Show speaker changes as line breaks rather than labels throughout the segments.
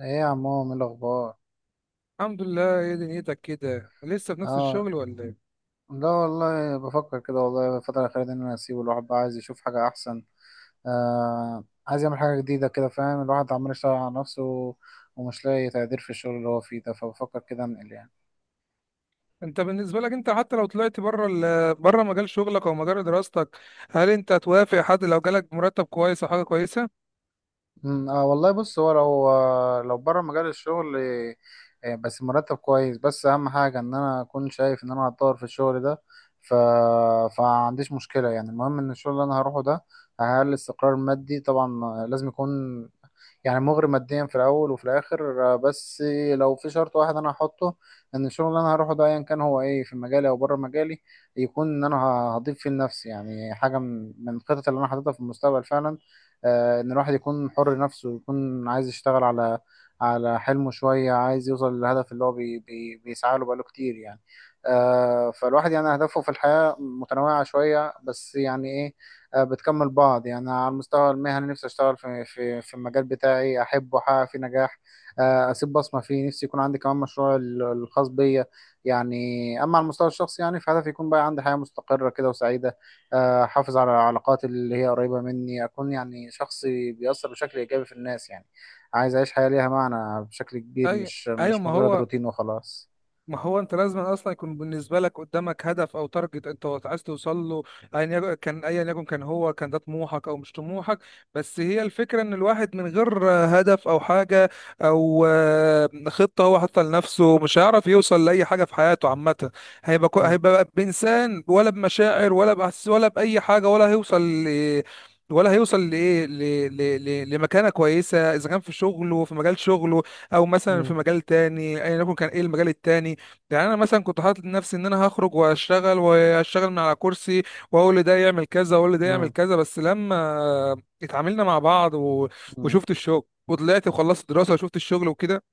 ايه يا عمو، ايه الاخبار؟
الحمد لله. ايه دنيتك كده، لسه في نفس
اه.
الشغل ولا ايه؟
لا والله بفكر كده، والله الفتره الاخيره دي ان انا اسيبه، الواحد بقى عايز يشوف حاجه احسن. آه، عايز يعمل حاجه جديده كده، فاهم، الواحد عمال يشتغل على نفسه ومش لاقي تقدير في الشغل اللي هو فيه ده، فبفكر كده انقل يعني.
انت بالنسبه لك، انت حتى لو طلعت بره بره مجال شغلك او مجال دراستك، هل انت توافق حد لو جالك مرتب كويس او حاجه كويسه؟
اه والله بص، هو لو بره مجال الشغل، آه، بس مرتب كويس، بس اهم حاجه ان انا اكون شايف ان انا هتطور في الشغل ده. ف فعنديش مشكله، يعني المهم ان الشغل اللي انا هروحه ده هيعمل لي استقرار مادي طبعا. آه، لازم يكون يعني مغري ماديا في الاول وفي الاخر. آه، بس لو في شرط واحد انا هحطه، ان الشغل اللي انا هروحه ده ايا كان هو ايه، في مجالي او بره مجالي، يكون ان انا هضيف فيه لنفسي يعني حاجه من الخطط اللي انا حاططها في المستقبل فعلا. آه، ان الواحد يكون حر نفسه ويكون عايز يشتغل على حلمه شوية، عايز يوصل للهدف اللي هو بي بي بيسعى له بقاله كتير يعني. آه، فالواحد يعني أهدافه في الحياة متنوعة شوية، بس يعني إيه، آه، بتكمل بعض. يعني على المستوى المهني نفسي أشتغل في في المجال بتاعي، أحبه، أحقق فيه نجاح، آه، أسيب بصمة فيه. نفسي يكون عندي كمان مشروع الخاص بيا يعني. أما على المستوى الشخصي يعني في هدفي، يكون بقى عندي حياة مستقرة كده وسعيدة، احافظ على العلاقات اللي هي قريبة مني، اكون يعني شخص بيأثر بشكل ايجابي في الناس يعني. عايز اعيش حياة ليها معنى بشكل كبير،
ايوه،
مش
ايوه.
مش
ما
مجرد
هو
روتين وخلاص.
ما هو انت لازم اصلا يكون بالنسبه لك قدامك هدف او تارجت انت عايز توصل له. ايا يكن كان، هو كان ده طموحك او مش طموحك. بس هي الفكره ان الواحد من غير هدف او حاجه او خطه هو حاطها لنفسه، مش هيعرف يوصل لاي حاجه في حياته عامه.
مم.
هيبقى بانسان ولا بمشاعر ولا باحاسيس ولا باي حاجه، ولا هيوصل لايه، لمكانه كويسه اذا كان في شغله في مجال شغله، او مثلا
مم.
في مجال تاني، ايا يكن كان ايه المجال التاني. يعني انا مثلا كنت حاطط لنفسي ان انا هخرج واشتغل واشتغل من على كرسي، واقول لده يعمل كذا واقول لده يعمل
مم.
كذا، بس لما اتعاملنا مع بعض
مم.
وشفت الشغل، وطلعت وخلصت دراسة وشفت الشغل وكده،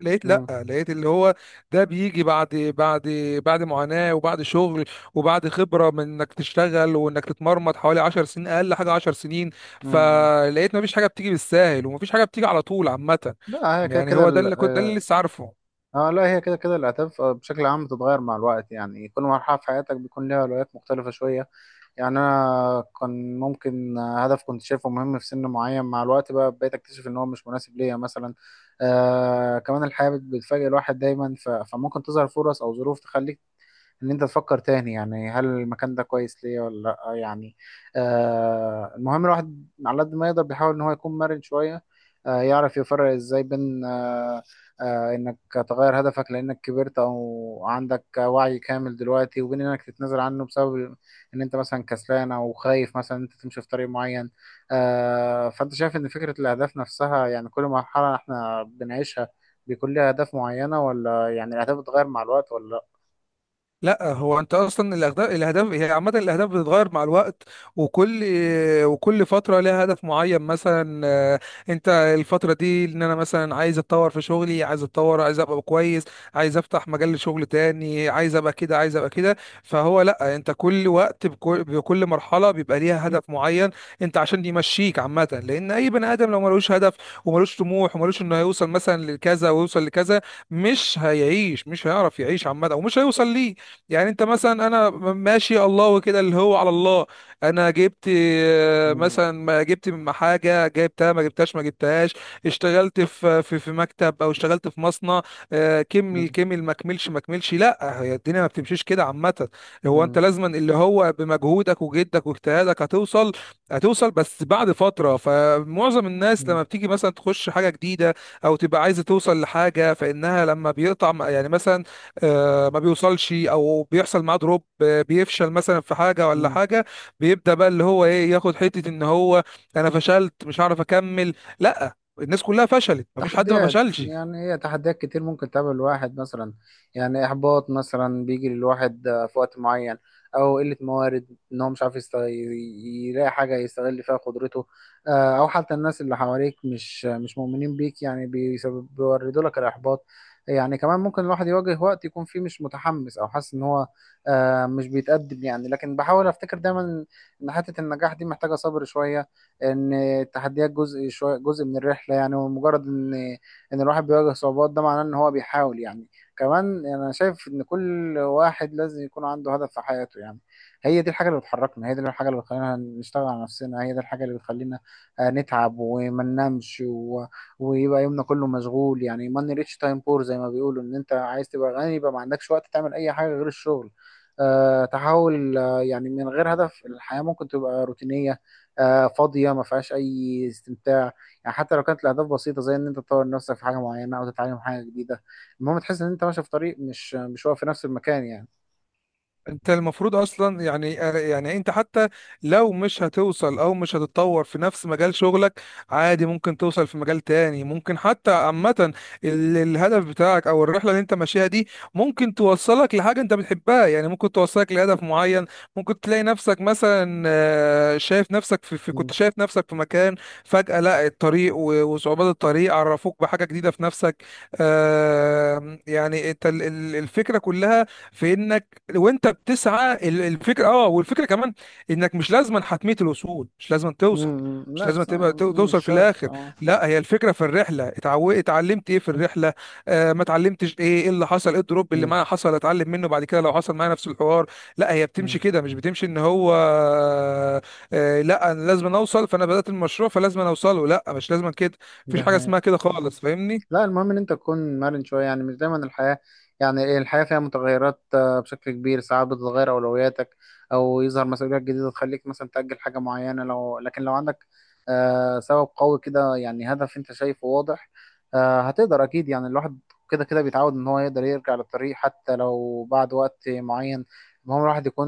لقيت، لا،
مم.
لقيت اللي هو ده بيجي بعد بعد معاناة، وبعد شغل، وبعد خبرة من انك تشتغل وانك تتمرمط حوالي 10 سنين، اقل حاجة 10 سنين.
مم.
فلقيت مفيش حاجة بتيجي بالساهل ومفيش حاجة بتيجي على طول عامة.
لا هي كده
يعني
كده
هو ده اللي كنت، ده اللي
اه.
لسه عارفه.
آه، لا هي كده كده الاهداف، آه، بشكل عام بتتغير مع الوقت، يعني كل مرحلة في حياتك بيكون لها اولويات مختلفة شوية. يعني انا كان ممكن هدف كنت شايفه مهم في سن معين، مع الوقت بقى بقيت اكتشف ان هو مش مناسب ليا مثلا. آه كمان الحياة بتفاجئ الواحد دايما، فممكن تظهر فرص او ظروف تخليك ان انت تفكر تاني، يعني هل المكان ده كويس ليا ولا لا يعني. آه المهم الواحد على قد ما يقدر بيحاول ان هو يكون مرن شوية، آه يعرف يفرق ازاي بين انك تغير هدفك لانك كبرت او عندك وعي كامل دلوقتي، وبين انك تتنازل عنه بسبب ان انت مثلا كسلان او خايف مثلا انت تمشي في طريق معين. آه فانت شايف ان فكرة الاهداف نفسها، يعني كل مرحلة احنا بنعيشها بيكون ليها اهداف معينة، ولا يعني الاهداف بتتغير مع الوقت ولا لا؟
لا، هو انت اصلا الاهداف، هي عامه الاهداف بتتغير مع الوقت، وكل وكل فتره لها هدف معين مثلا. انت الفتره دي ان انا مثلا عايز اتطور في شغلي، عايز اتطور، عايز ابقى كويس، عايز افتح مجال لشغل تاني، عايز ابقى كده، عايز ابقى كده. فهو لا، انت كل وقت بكل مرحله بيبقى ليها هدف معين. انت عشان يمشيك عامه، لان اي بني ادم لو ملوش هدف وملوش طموح وملوش انه هيوصل مثلا لكذا ويوصل لكذا، مش هيعيش، مش هيعرف يعيش عامه، ومش هيوصل ليه. يعني انت مثلا، انا ماشي الله وكده اللي هو على الله. انا جبت مثلا، ما جبت من حاجه جبتها، ما جبتهاش ما جبتهاش. اشتغلت في مكتب، او اشتغلت في مصنع، كمل
مم.
كمل ما كملش ما كملش. لا، هي الدنيا ما بتمشيش كده عامه. هو انت
مم.
لازما اللي هو بمجهودك وجدك واجتهادك هتوصل، بس بعد فتره. فمعظم الناس
مم.
لما بتيجي مثلا تخش حاجه جديده، او تبقى عايزه توصل لحاجه، فانها لما بيقطع يعني مثلا ما بيوصلش او بيحصل معاه دروب، بيفشل مثلا في حاجه ولا
مم.
حاجه، بيبدا بقى اللي هو ايه، ياخد حته ان هو: انا فشلت، مش هعرف اكمل. لا، الناس كلها فشلت، مفيش حد ما
تحديات،
فشلش.
يعني هي تحديات كتير ممكن تقابل الواحد مثلا. يعني إحباط مثلا بيجي للواحد آه، في وقت معين، أو قلة موارد إن هو مش عارف يلاقي حاجة يستغل فيها قدرته، آه، أو حتى الناس اللي حواليك مش مؤمنين بيك، يعني بيسبب بيوردوا لك الإحباط. يعني كمان ممكن الواحد يواجه وقت يكون فيه مش متحمس أو حاسس إن هو آه، مش بيتقدم يعني، لكن بحاول أفتكر دايما إن حتة النجاح دي محتاجة صبر شوية، ان التحديات جزء شويه، جزء من الرحله يعني. ومجرد ان الواحد بيواجه صعوبات ده معناه ان هو بيحاول يعني. كمان انا شايف ان كل واحد لازم يكون عنده هدف في حياته يعني. هي دي الحاجه اللي بتحركنا، هي دي الحاجه اللي بتخلينا نشتغل على نفسنا، هي دي الحاجه اللي بتخلينا آه، نتعب وما ننامش ويبقى يومنا كله مشغول. يعني ماني ريتش تايم بور، زي ما بيقولوا، ان انت عايز تبقى غني يبقى ما عندكش وقت تعمل اي حاجه غير الشغل. أه تحاول، آه، يعني من غير هدف الحياه ممكن تبقى روتينيه، آه، فاضيه، ما فيهاش اي استمتاع. يعني حتى لو كانت الاهداف بسيطه زي ان انت تطور نفسك في حاجه معينه او تتعلم حاجه جديده، المهم تحس ان انت ماشي في طريق، مش واقف في نفس المكان يعني.
انت المفروض اصلا، يعني انت حتى لو مش هتوصل او مش هتتطور في نفس مجال شغلك، عادي ممكن توصل في مجال تاني. ممكن حتى عامة الهدف بتاعك او الرحلة اللي انت ماشيها دي ممكن توصلك لحاجة انت بتحبها، يعني ممكن توصلك لهدف معين. ممكن تلاقي نفسك مثلا شايف نفسك في كنت
امم.
شايف نفسك في مكان، فجأة لا، الطريق وصعوبات الطريق عرفوك بحاجة جديدة في نفسك. يعني انت الفكرة كلها في انك، وانت بتسعى، الفكره، والفكره كمان، انك مش لازما حتميه الوصول، مش لازما توصل،
امم.
مش
لا
لازم
صحيح.
تبقى
مم، مش
توصل في
شرط
الاخر.
اه.
لا، هي الفكره في الرحله. اتعلمت ايه في الرحله، ما اتعلمتش، ايه اللي حصل، ايه الدروب اللي
امم.
معايا حصل، اتعلم منه بعد كده لو حصل معايا نفس الحوار. لا، هي
امم.
بتمشي كده، مش بتمشي ان هو لا انا لازم اوصل، فانا بدات المشروع فلازم اوصله. لا، مش لازم كده. مفيش
ده
حاجه اسمها
حقيقة.
كده خالص، فاهمني؟
لا المهم ان انت تكون مرن شويه، يعني مش دايما الحياه، يعني إيه، الحياه فيها متغيرات آه، بشكل كبير. ساعات بتتغير اولوياتك او يظهر مسؤوليات جديده تخليك مثلا تاجل حاجه معينه، لكن لو عندك آه، سبب قوي كده يعني هدف انت شايفه واضح، آه، هتقدر اكيد. يعني الواحد كده كده بيتعود ان هو يقدر يرجع للطريق حتى لو بعد وقت معين. المهم الواحد يكون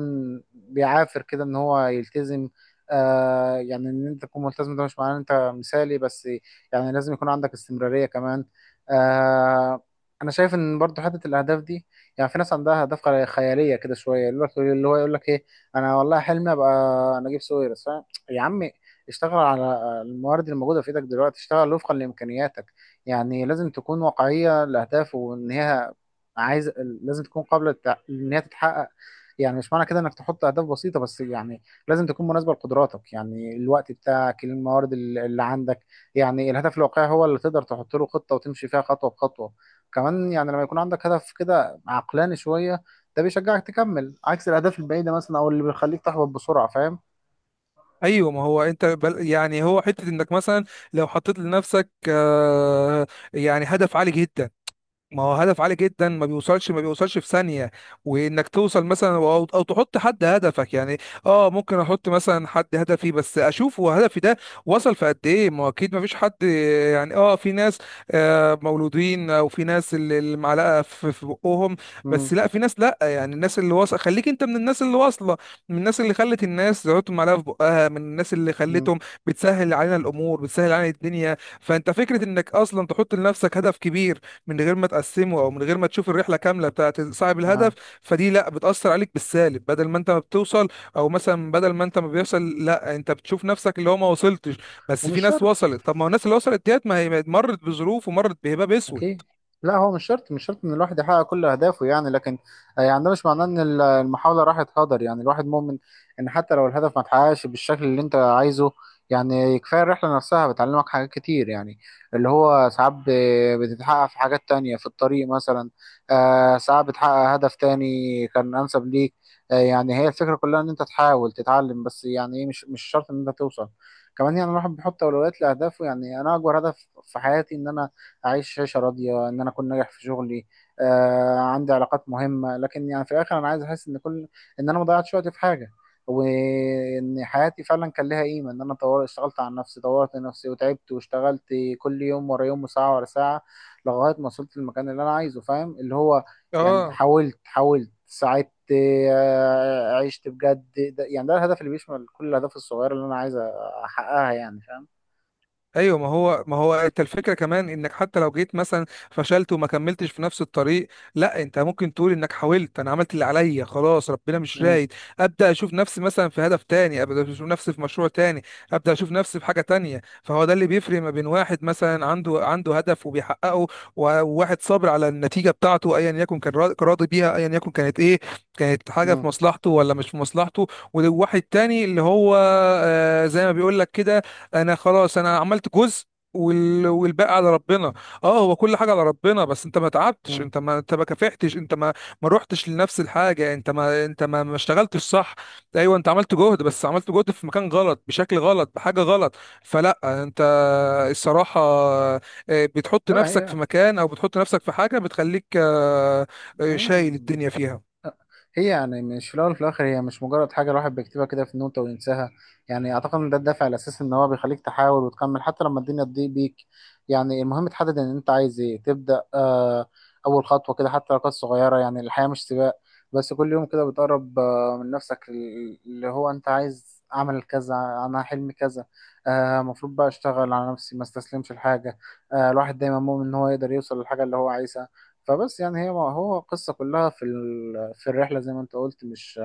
بيعافر كده ان هو يلتزم. آه يعني ان انت تكون ملتزم ده مش معناه ان انت مثالي بس، يعني لازم يكون عندك استمرارية كمان. آه انا شايف ان برضو حته الاهداف دي، يعني في ناس عندها اهداف خياليه كده شويه، يقول لك ايه، انا والله حلمي ابقى نجيب ساويرس. فاهم؟ يا عمي، اشتغل على الموارد الموجوده في ايدك دلوقتي، اشتغل وفقا لامكانياتك، يعني لازم تكون واقعيه الاهداف، وان هي عايز لازم تكون قابله ان هي تتحقق. يعني مش معنى كده انك تحط اهداف بسيطه بس، يعني لازم تكون مناسبه لقدراتك، يعني الوقت بتاعك، الموارد اللي عندك. يعني الهدف الواقعي هو اللي تقدر تحط له خطة وتمشي فيها خطوة بخطوة. كمان يعني لما يكون عندك هدف كده عقلاني شوية، ده بيشجعك تكمل عكس الأهداف البعيدة مثلا، أو اللي بيخليك تحبط بسرعة. فاهم؟
ايوه، ما هو انت بل يعني هو حته انك مثلا لو حطيت لنفسك يعني هدف عالي جدا. ما هو هدف عالي جدا ما بيوصلش، في ثانية، وانك توصل مثلا، أو تحط حد هدفك يعني. اه ممكن احط مثلا حد هدفي، بس اشوف هو هدفي ده وصل في قد ايه. ما هو اكيد ما فيش حد. يعني في ناس مولودين، او في ناس اللي معلقة في بقهم.
امم.
بس لا، في ناس. لا، يعني الناس اللي واصلة، خليك انت من الناس اللي واصلة، من الناس اللي خلت الناس تحط معلقة في بقها، من الناس اللي
امم.
خلتهم بتسهل علينا الامور، بتسهل علينا الدنيا. فانت فكرة انك اصلا تحط لنفسك هدف كبير من غير ما تقسمه، او من غير ما تشوف الرحله كامله بتاعت صاحب الهدف،
اه.
فدي لا بتاثر عليك بالسالب. بدل ما انت ما بتوصل، او مثلا بدل ما انت ما بيوصل، لا انت بتشوف نفسك اللي هو ما وصلتش. بس في
ومش
ناس
شرط.
وصلت. طب ما هو الناس اللي وصلت ديت، ما هي مرت بظروف ومرت بهباب اسود.
أكيد. لا هو مش شرط، مش شرط إن الواحد يحقق كل أهدافه يعني، لكن آه، يعني ده مش معناه إن المحاولة راحت هدر، يعني الواحد مؤمن إن حتى لو الهدف ما اتحققش بالشكل اللي أنت عايزه، يعني كفاية الرحلة نفسها بتعلمك حاجات كتير يعني. اللي هو ساعات بتتحقق في حاجات تانية في الطريق مثلا، آه، ساعات بتحقق هدف تاني كان أنسب ليك. آه، يعني هي الفكرة كلها إن أنت تحاول تتعلم، بس يعني إيه، مش شرط إن أنت توصل. كمان يعني الواحد بيحط أولويات لأهدافه، يعني أنا أكبر هدف في حياتي إن أنا اعيش عيشه راضيه، ان انا اكون ناجح في شغلي، آه عندي علاقات مهمه. لكن يعني في الاخر انا عايز احس ان ان انا ما ضيعتش وقتي في حاجه، وان حياتي فعلا كان لها قيمه، ان انا طور اشتغلت على نفسي، طورت نفسي وتعبت واشتغلت، كل يوم ورا يوم وساعه ورا ساعه، لغايه ما وصلت للمكان اللي انا عايزه. فاهم؟ اللي هو يعني
اه
حاولت، حاولت ساعدت آه، عشت بجد. ده يعني ده الهدف اللي بيشمل كل الاهداف الصغيره اللي انا عايز احققها يعني. فاهم؟
ايوه، ما هو انت الفكره كمان انك حتى لو جيت مثلا فشلت وما كملتش في نفس الطريق، لا انت ممكن تقول انك حاولت. انا عملت اللي عليا خلاص، ربنا مش
مم.
رايد. ابدا اشوف نفسي مثلا في هدف تاني، ابدا اشوف نفسي في مشروع تاني، ابدا اشوف نفسي في حاجه تانية. فهو ده اللي بيفرق ما بين واحد مثلا عنده هدف وبيحققه وواحد صابر على النتيجه بتاعته، ايا يكن كان راضي بيها، ايا يكن كانت ايه، كانت حاجه
مم.
في مصلحته ولا مش في مصلحته. وواحد تاني اللي هو زي ما بيقول لك كده: انا خلاص، انا عملت جزء والباقي على ربنا. اه هو كل حاجه على ربنا، بس انت ما تعبتش،
مم.
انت ما كافحتش، انت ما ما روحتش لنفس الحاجه، انت ما انت ما ما اشتغلتش صح. ايوه انت عملت جهد، بس عملت جهد في مكان غلط، بشكل غلط، بحاجه غلط. فلا انت الصراحه بتحط
لا
نفسك
هي
في مكان، او بتحط نفسك في حاجه بتخليك،
ايوه.
شايل الدنيا فيها.
هي يعني مش في الاول وفي الاخر، هي مش مجرد حاجه الواحد بيكتبها كده في نوتة وينساها. يعني اعتقد ان ده الدافع الاساسي ان هو بيخليك تحاول وتكمل حتى لما الدنيا تضيق بيك. يعني المهم تحدد ان انت عايز ايه، تبدا آه، اول خطوه كده حتى لو كانت صغيره. يعني الحياه مش سباق، بس كل يوم كده بتقرب آه من نفسك، اللي هو انت عايز اعمل كذا، انا حلمي كذا. آه المفروض بقى اشتغل على نفسي، ما استسلمش لحاجه. آه الواحد دايما مؤمن ان هو يقدر يوصل للحاجه اللي هو عايزها. فبس يعني هي هو القصة كلها في في الرحلة زي ما انت قلت، مش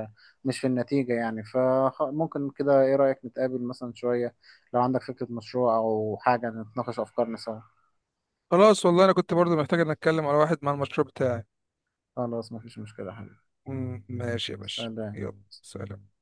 في النتيجة يعني. فممكن كده، ايه رأيك نتقابل مثلا شوية، لو عندك فكرة مشروع او حاجة، نتناقش افكارنا سوا.
خلاص والله انا كنت برضو محتاج ان اتكلم على واحد مع المشروع بتاعي.
خلاص مفيش مشكلة يا حبيبي.
ماشي يا باشا،
سلام.
يلا سلام.